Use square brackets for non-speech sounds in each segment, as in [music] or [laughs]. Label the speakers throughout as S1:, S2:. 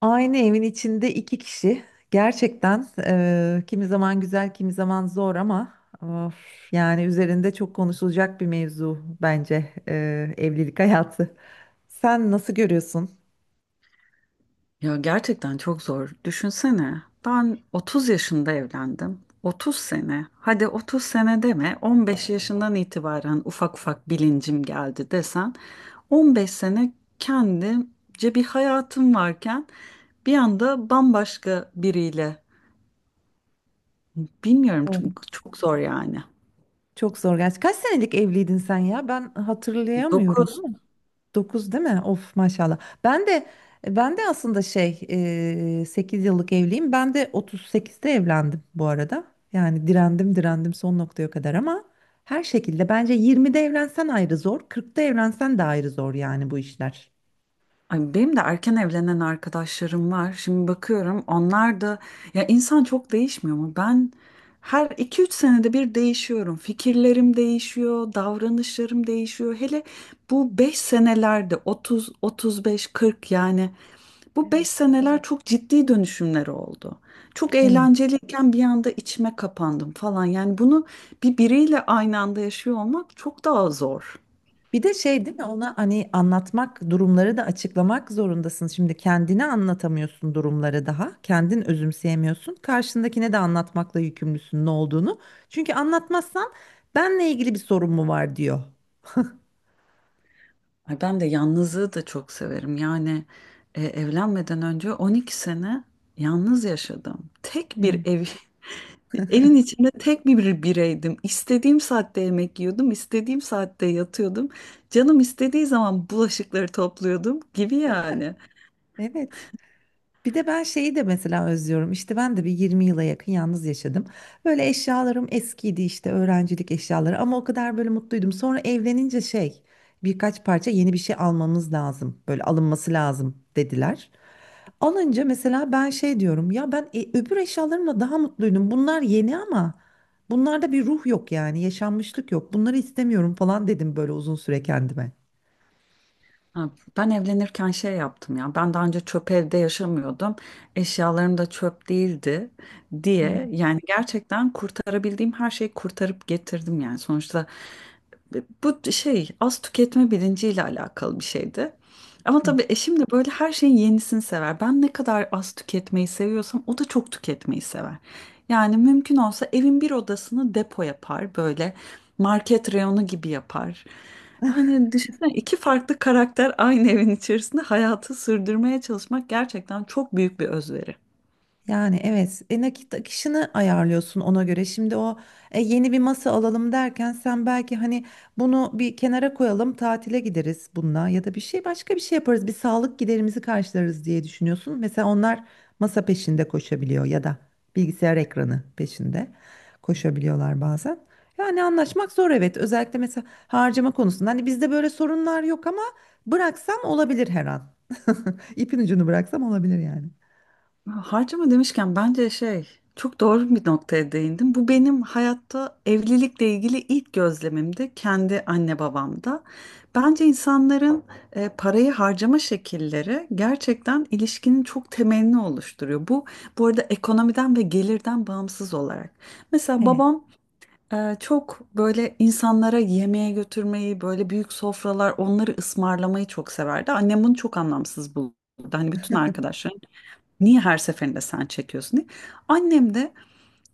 S1: Aynı evin içinde iki kişi gerçekten kimi zaman güzel kimi zaman zor ama of, yani üzerinde çok konuşulacak bir mevzu bence evlilik [laughs] hayatı. Sen nasıl görüyorsun?
S2: Ya gerçekten çok zor. Düşünsene. Ben 30 yaşında evlendim. 30 sene. Hadi 30 sene deme. 15 yaşından itibaren ufak ufak bilincim geldi desen. 15 sene kendimce bir hayatım varken bir anda bambaşka biriyle. Bilmiyorum
S1: Evet.
S2: çok, çok zor yani.
S1: Çok zor gerçi. Kaç senelik evliydin sen ya? Ben hatırlayamıyorum.
S2: Dokuz.
S1: 9 değil mi? Of maşallah. Ben de ben de aslında 8 yıllık evliyim. Ben de otuz sekizde evlendim bu arada. Yani direndim son noktaya kadar ama her şekilde bence 20'de evlensen ayrı zor, 40'ta evlensen de ayrı zor yani bu işler.
S2: Ay benim de erken evlenen arkadaşlarım var. Şimdi bakıyorum onlar da ya insan çok değişmiyor mu? Ben her iki üç senede bir değişiyorum. Fikirlerim değişiyor, davranışlarım değişiyor. Hele bu 5 senelerde 30, 35, 40 yani bu 5
S1: Evet.
S2: seneler çok ciddi dönüşümler oldu. Çok
S1: Evet.
S2: eğlenceliyken bir anda içime kapandım falan. Yani bunu bir biriyle aynı anda yaşıyor olmak çok daha zor.
S1: Bir de şey değil mi, ona hani anlatmak, durumları da açıklamak zorundasın. Şimdi kendine anlatamıyorsun durumları daha. Kendin özümseyemiyorsun. Karşındakine de anlatmakla yükümlüsün ne olduğunu. Çünkü anlatmazsan benle ilgili bir sorun mu var, diyor.
S2: Ay ben de yalnızlığı da çok severim. Yani evlenmeden önce 12 sene yalnız yaşadım. Tek bir
S1: Evet.
S2: ev, [laughs] evin içinde tek bir bireydim. İstediğim saatte yemek yiyordum, istediğim saatte yatıyordum. Canım istediği zaman bulaşıkları topluyordum gibi yani.
S1: Evet. Bir de ben şeyi de mesela özlüyorum. İşte ben de bir 20 yıla yakın yalnız yaşadım. Böyle eşyalarım eskiydi, işte öğrencilik eşyaları, ama o kadar böyle mutluydum. Sonra evlenince birkaç parça yeni bir şey almamız lazım. Böyle alınması lazım, dediler. Alınca mesela ben şey diyorum ya, ben öbür eşyalarımla daha mutluydum. Bunlar yeni ama bunlarda bir ruh yok yani, yaşanmışlık yok. Bunları istemiyorum falan dedim böyle uzun süre kendime.
S2: Ha. Ben evlenirken şey yaptım ya. Ben daha önce çöp evde yaşamıyordum. Eşyalarım da çöp değildi diye yani gerçekten kurtarabildiğim her şeyi kurtarıp getirdim yani. Sonuçta bu şey az tüketme bilinciyle alakalı bir şeydi. Ama tabii eşim de böyle her şeyin yenisini sever. Ben ne kadar az tüketmeyi seviyorsam o da çok tüketmeyi sever. Yani mümkün olsa evin bir odasını depo yapar böyle market reyonu gibi yapar. Hani düşünsene iki farklı karakter aynı evin içerisinde hayatı sürdürmeye çalışmak gerçekten çok büyük bir özveri.
S1: Yani evet nakit akışını ayarlıyorsun ona göre. Şimdi o yeni bir masa alalım derken sen belki hani bunu bir kenara koyalım tatile gideriz bununla, ya da bir şey, başka bir şey yaparız, bir sağlık giderimizi karşılarız diye düşünüyorsun. Mesela onlar masa peşinde koşabiliyor ya da bilgisayar ekranı peşinde koşabiliyorlar bazen. Yani anlaşmak zor, evet, özellikle mesela harcama konusunda. Hani bizde böyle sorunlar yok ama bıraksam olabilir her an. [laughs] İpin ucunu bıraksam olabilir yani.
S2: Harcama demişken bence şey çok doğru bir noktaya değindim. Bu benim hayatta evlilikle ilgili ilk gözlemimdi kendi anne babamda. Bence insanların parayı harcama şekilleri gerçekten ilişkinin çok temelini oluşturuyor. Bu arada ekonomiden ve gelirden bağımsız olarak. Mesela
S1: Evet,
S2: babam çok böyle insanlara yemeğe götürmeyi, böyle büyük sofralar onları ısmarlamayı çok severdi. Annem bunu çok anlamsız buldu. Hani bütün arkadaşlarım niye her seferinde sen çekiyorsun diye. Annem de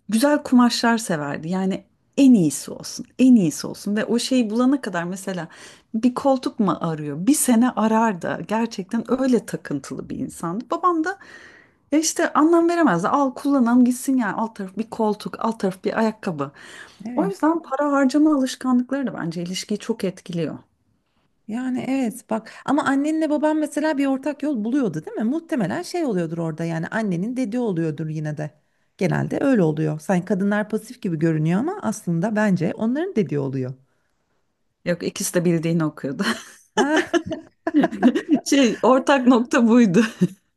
S2: güzel kumaşlar severdi. Yani en iyisi olsun, en iyisi olsun ve o şeyi bulana kadar mesela bir koltuk mu arıyor? Bir sene arar da gerçekten öyle takıntılı bir insandı. Babam da işte anlam veremezdi. Al kullanalım gitsin yani alt taraf bir koltuk, alt taraf bir ayakkabı. O
S1: evet.
S2: yüzden para harcama alışkanlıkları da bence ilişkiyi çok etkiliyor.
S1: Yani evet bak, ama annenle baban mesela bir ortak yol buluyordu değil mi? Muhtemelen şey oluyordur orada, yani annenin dediği oluyordur yine de. Genelde öyle oluyor. Sanki kadınlar pasif gibi görünüyor ama aslında bence onların dediği oluyor.
S2: Yok ikisi de bildiğini okuyordu.
S1: Ha.
S2: [laughs] Şey ortak nokta buydu.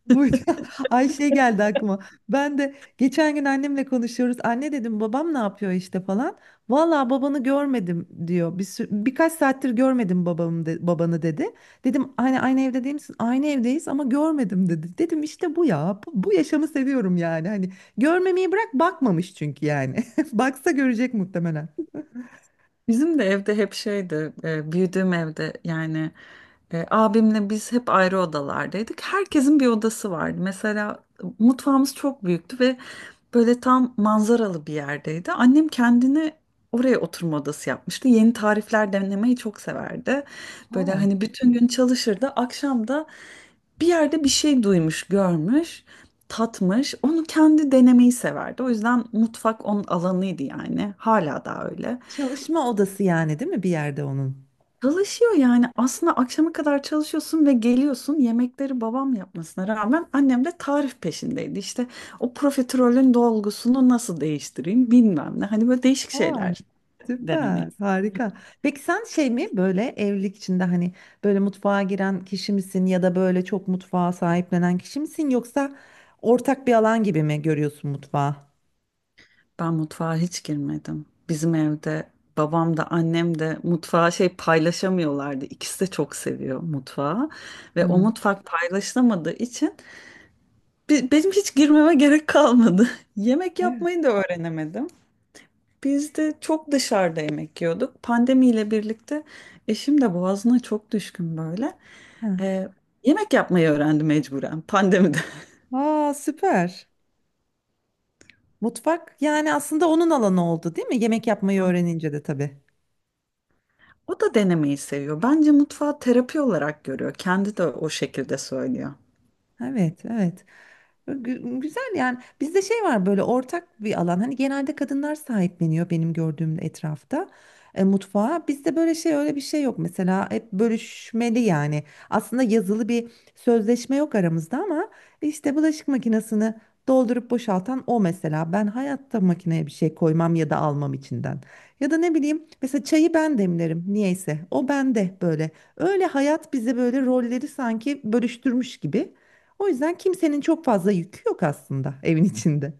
S1: Bu… [laughs] Ay şey geldi aklıma. Ben de geçen gün annemle konuşuyoruz. Anne dedim, babam ne yapıyor işte falan. Valla babanı görmedim, diyor. Birkaç saattir görmedim babamı babanı, dedi. Dedim hani aynı evde değil misin? Aynı evdeyiz ama görmedim, dedi. Dedim işte bu ya. Bu, bu yaşamı seviyorum yani. Hani görmemeyi bırak, bakmamış çünkü yani. [laughs] Baksa görecek muhtemelen.
S2: Bizim de evde hep şeydi, büyüdüğüm evde yani abimle biz hep ayrı odalardaydık. Herkesin bir odası vardı. Mesela mutfağımız çok büyüktü ve böyle tam manzaralı bir yerdeydi. Annem kendine oraya oturma odası yapmıştı. Yeni tarifler denemeyi çok severdi. Böyle
S1: Aa.
S2: hani bütün gün çalışırdı. Akşam da bir yerde bir şey duymuş, görmüş, tatmış. Onu kendi denemeyi severdi. O yüzden mutfak onun alanıydı yani. Hala da öyle.
S1: Çalışma odası yani değil mi, bir yerde onun?
S2: Çalışıyor yani aslında akşama kadar çalışıyorsun ve geliyorsun yemekleri babam yapmasına rağmen annem de tarif peşindeydi. İşte o profiterolün dolgusunu nasıl değiştireyim bilmem ne hani böyle değişik şeyler
S1: Süper,
S2: denemeyiz.
S1: harika. Peki sen şey mi, böyle evlilik içinde hani böyle mutfağa giren kişi misin ya da böyle çok mutfağa sahiplenen kişi misin, yoksa ortak bir alan gibi mi görüyorsun mutfağı?
S2: Ben mutfağa hiç girmedim. Bizim evde babam da annem de mutfağı şey paylaşamıyorlardı. İkisi de çok seviyor mutfağı ve o
S1: Hı.
S2: mutfak paylaşılamadığı için benim hiç girmeme gerek kalmadı. [laughs] Yemek
S1: Evet.
S2: yapmayı da öğrenemedim. Biz de çok dışarıda yemek yiyorduk. Pandemiyle birlikte eşim de boğazına çok düşkün böyle.
S1: Hı.
S2: Ee, yemek yapmayı öğrendi mecburen pandemide. [laughs]
S1: Aa, süper. Mutfak yani aslında onun alanı oldu değil mi? Yemek yapmayı öğrenince de tabii.
S2: O da denemeyi seviyor. Bence mutfağı terapi olarak görüyor. Kendi de o şekilde söylüyor.
S1: Evet, evet. Güzel yani, bizde şey var, böyle ortak bir alan. Hani genelde kadınlar sahipleniyor benim gördüğüm etrafta, mutfağa. Bizde böyle şey, öyle bir şey yok mesela, hep bölüşmeli yani. Aslında yazılı bir sözleşme yok aramızda ama işte bulaşık makinesini doldurup boşaltan o mesela, ben hayatta makineye bir şey koymam ya da almam içinden, ya da ne bileyim, mesela çayı ben demlerim niyeyse, o bende böyle. Öyle hayat bize böyle rolleri sanki bölüştürmüş gibi. O yüzden kimsenin çok fazla yükü yok aslında evin içinde.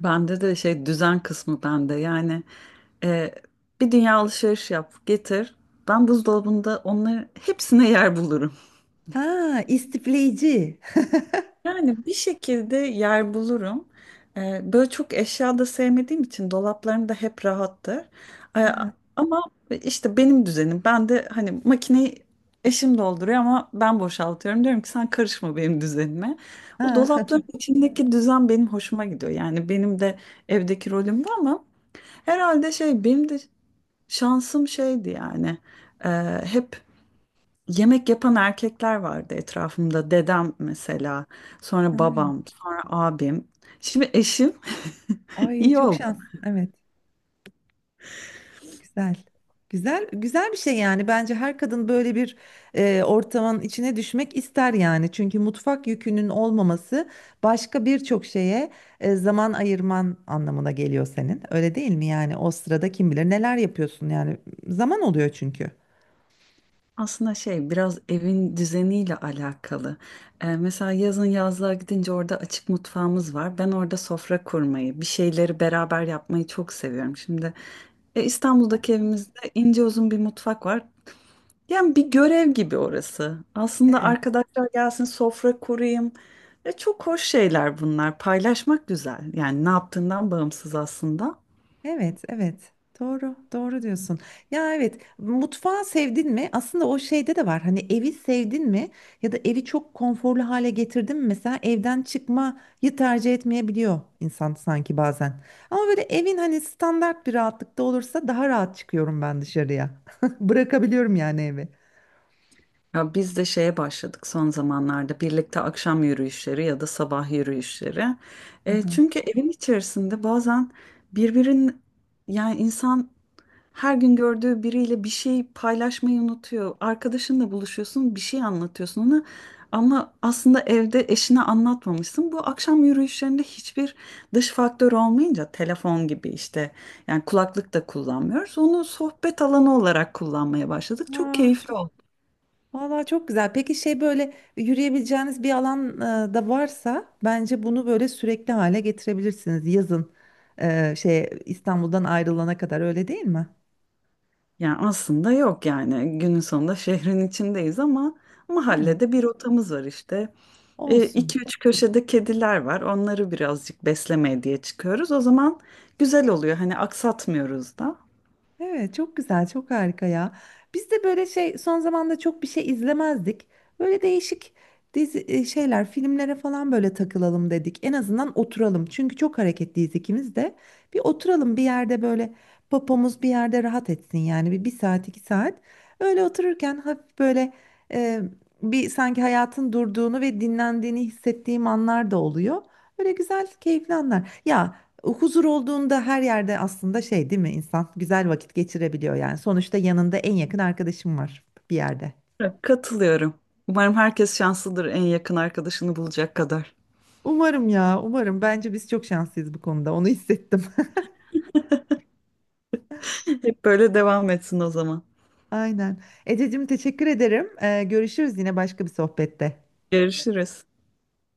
S2: Bende de şey düzen kısmı bende. Yani e, bir dünya alışveriş yap, getir. Ben buzdolabında onları hepsine yer bulurum.
S1: Ha, istifleyici.
S2: Yani bir şekilde yer bulurum. Böyle çok eşya da sevmediğim için dolaplarım da hep rahattır. Ee,
S1: Ha.
S2: ama işte benim düzenim. Ben de hani makineyi eşim dolduruyor ama ben boşaltıyorum. Diyorum ki sen karışma benim düzenime. O
S1: Ha. [laughs]
S2: dolapların içindeki düzen benim hoşuma gidiyor. Yani benim de evdeki rolüm bu ama herhalde şey benim de şansım şeydi yani. Ee, hep yemek yapan erkekler vardı etrafımda. Dedem mesela, sonra
S1: Ha.
S2: babam, sonra abim. Şimdi eşim [laughs]
S1: Ay,
S2: iyi
S1: çok
S2: oldu.
S1: şans. Evet, güzel. Güzel, güzel bir şey yani. Bence her kadın böyle bir ortamın içine düşmek ister yani. Çünkü mutfak yükünün olmaması başka birçok şeye zaman ayırman anlamına geliyor senin. Öyle değil mi yani? O sırada kim bilir neler yapıyorsun yani. Zaman oluyor çünkü.
S2: Aslında şey biraz evin düzeniyle alakalı. Mesela yazın yazlığa gidince orada açık mutfağımız var. Ben orada sofra kurmayı, bir şeyleri beraber yapmayı çok seviyorum. Şimdi İstanbul'daki evimizde ince uzun bir mutfak var. Yani bir görev gibi orası. Aslında
S1: Evet.
S2: arkadaşlar gelsin sofra kurayım. Ve çok hoş şeyler bunlar. Paylaşmak güzel. Yani ne yaptığından bağımsız aslında.
S1: Evet, evet. Doğru, doğru diyorsun. Ya evet, mutfağı sevdin mi? Aslında o şeyde de var. Hani evi sevdin mi? Ya da evi çok konforlu hale getirdin mi? Mesela evden çıkmayı tercih etmeyebiliyor insan sanki bazen. Ama böyle evin hani standart bir rahatlıkta olursa daha rahat çıkıyorum ben dışarıya. [laughs] Bırakabiliyorum yani evi.
S2: Ya biz de şeye başladık son zamanlarda birlikte akşam yürüyüşleri ya da sabah yürüyüşleri. Çünkü evin içerisinde bazen birbirin yani insan her gün gördüğü biriyle bir şey paylaşmayı unutuyor. Arkadaşınla buluşuyorsun, bir şey anlatıyorsun ona ama aslında evde eşine anlatmamışsın. Bu akşam yürüyüşlerinde hiçbir dış faktör olmayınca telefon gibi işte yani kulaklık da kullanmıyoruz. Onu sohbet alanı olarak kullanmaya başladık. Çok
S1: Aa.
S2: keyifli oldu.
S1: Vallahi çok güzel. Peki şey, böyle yürüyebileceğiniz bir alan da varsa, bence bunu böyle sürekli hale getirebilirsiniz yazın, İstanbul'dan ayrılana kadar, öyle değil mi?
S2: Yani aslında yok yani günün sonunda şehrin içindeyiz ama
S1: Evet,
S2: mahallede bir rotamız var işte. E,
S1: olsun.
S2: iki üç köşede kediler var onları birazcık beslemeye diye çıkıyoruz. O zaman güzel oluyor hani aksatmıyoruz da.
S1: Evet, çok güzel, çok harika ya. Biz de böyle şey, son zamanda çok bir şey izlemezdik. Böyle değişik dizi şeyler, filmlere falan böyle takılalım dedik. En azından oturalım. Çünkü çok hareketliyiz ikimiz de. Bir oturalım bir yerde böyle, popomuz bir yerde rahat etsin yani, bir, bir saat iki saat. Öyle otururken hafif böyle, e, bir sanki hayatın durduğunu ve dinlendiğini hissettiğim anlar da oluyor. Böyle güzel, keyifli anlar. Ya, huzur olduğunda her yerde aslında şey değil mi, insan güzel vakit geçirebiliyor yani. Sonuçta yanında en yakın arkadaşım var bir yerde.
S2: Evet. Katılıyorum. Umarım herkes şanslıdır en yakın arkadaşını bulacak kadar.
S1: Umarım ya, umarım. Bence biz çok şanslıyız bu konuda. Onu hissettim.
S2: [laughs] Hep böyle devam etsin o zaman.
S1: [laughs] Aynen. Ececiğim, teşekkür ederim. Görüşürüz yine başka bir sohbette.
S2: Görüşürüz.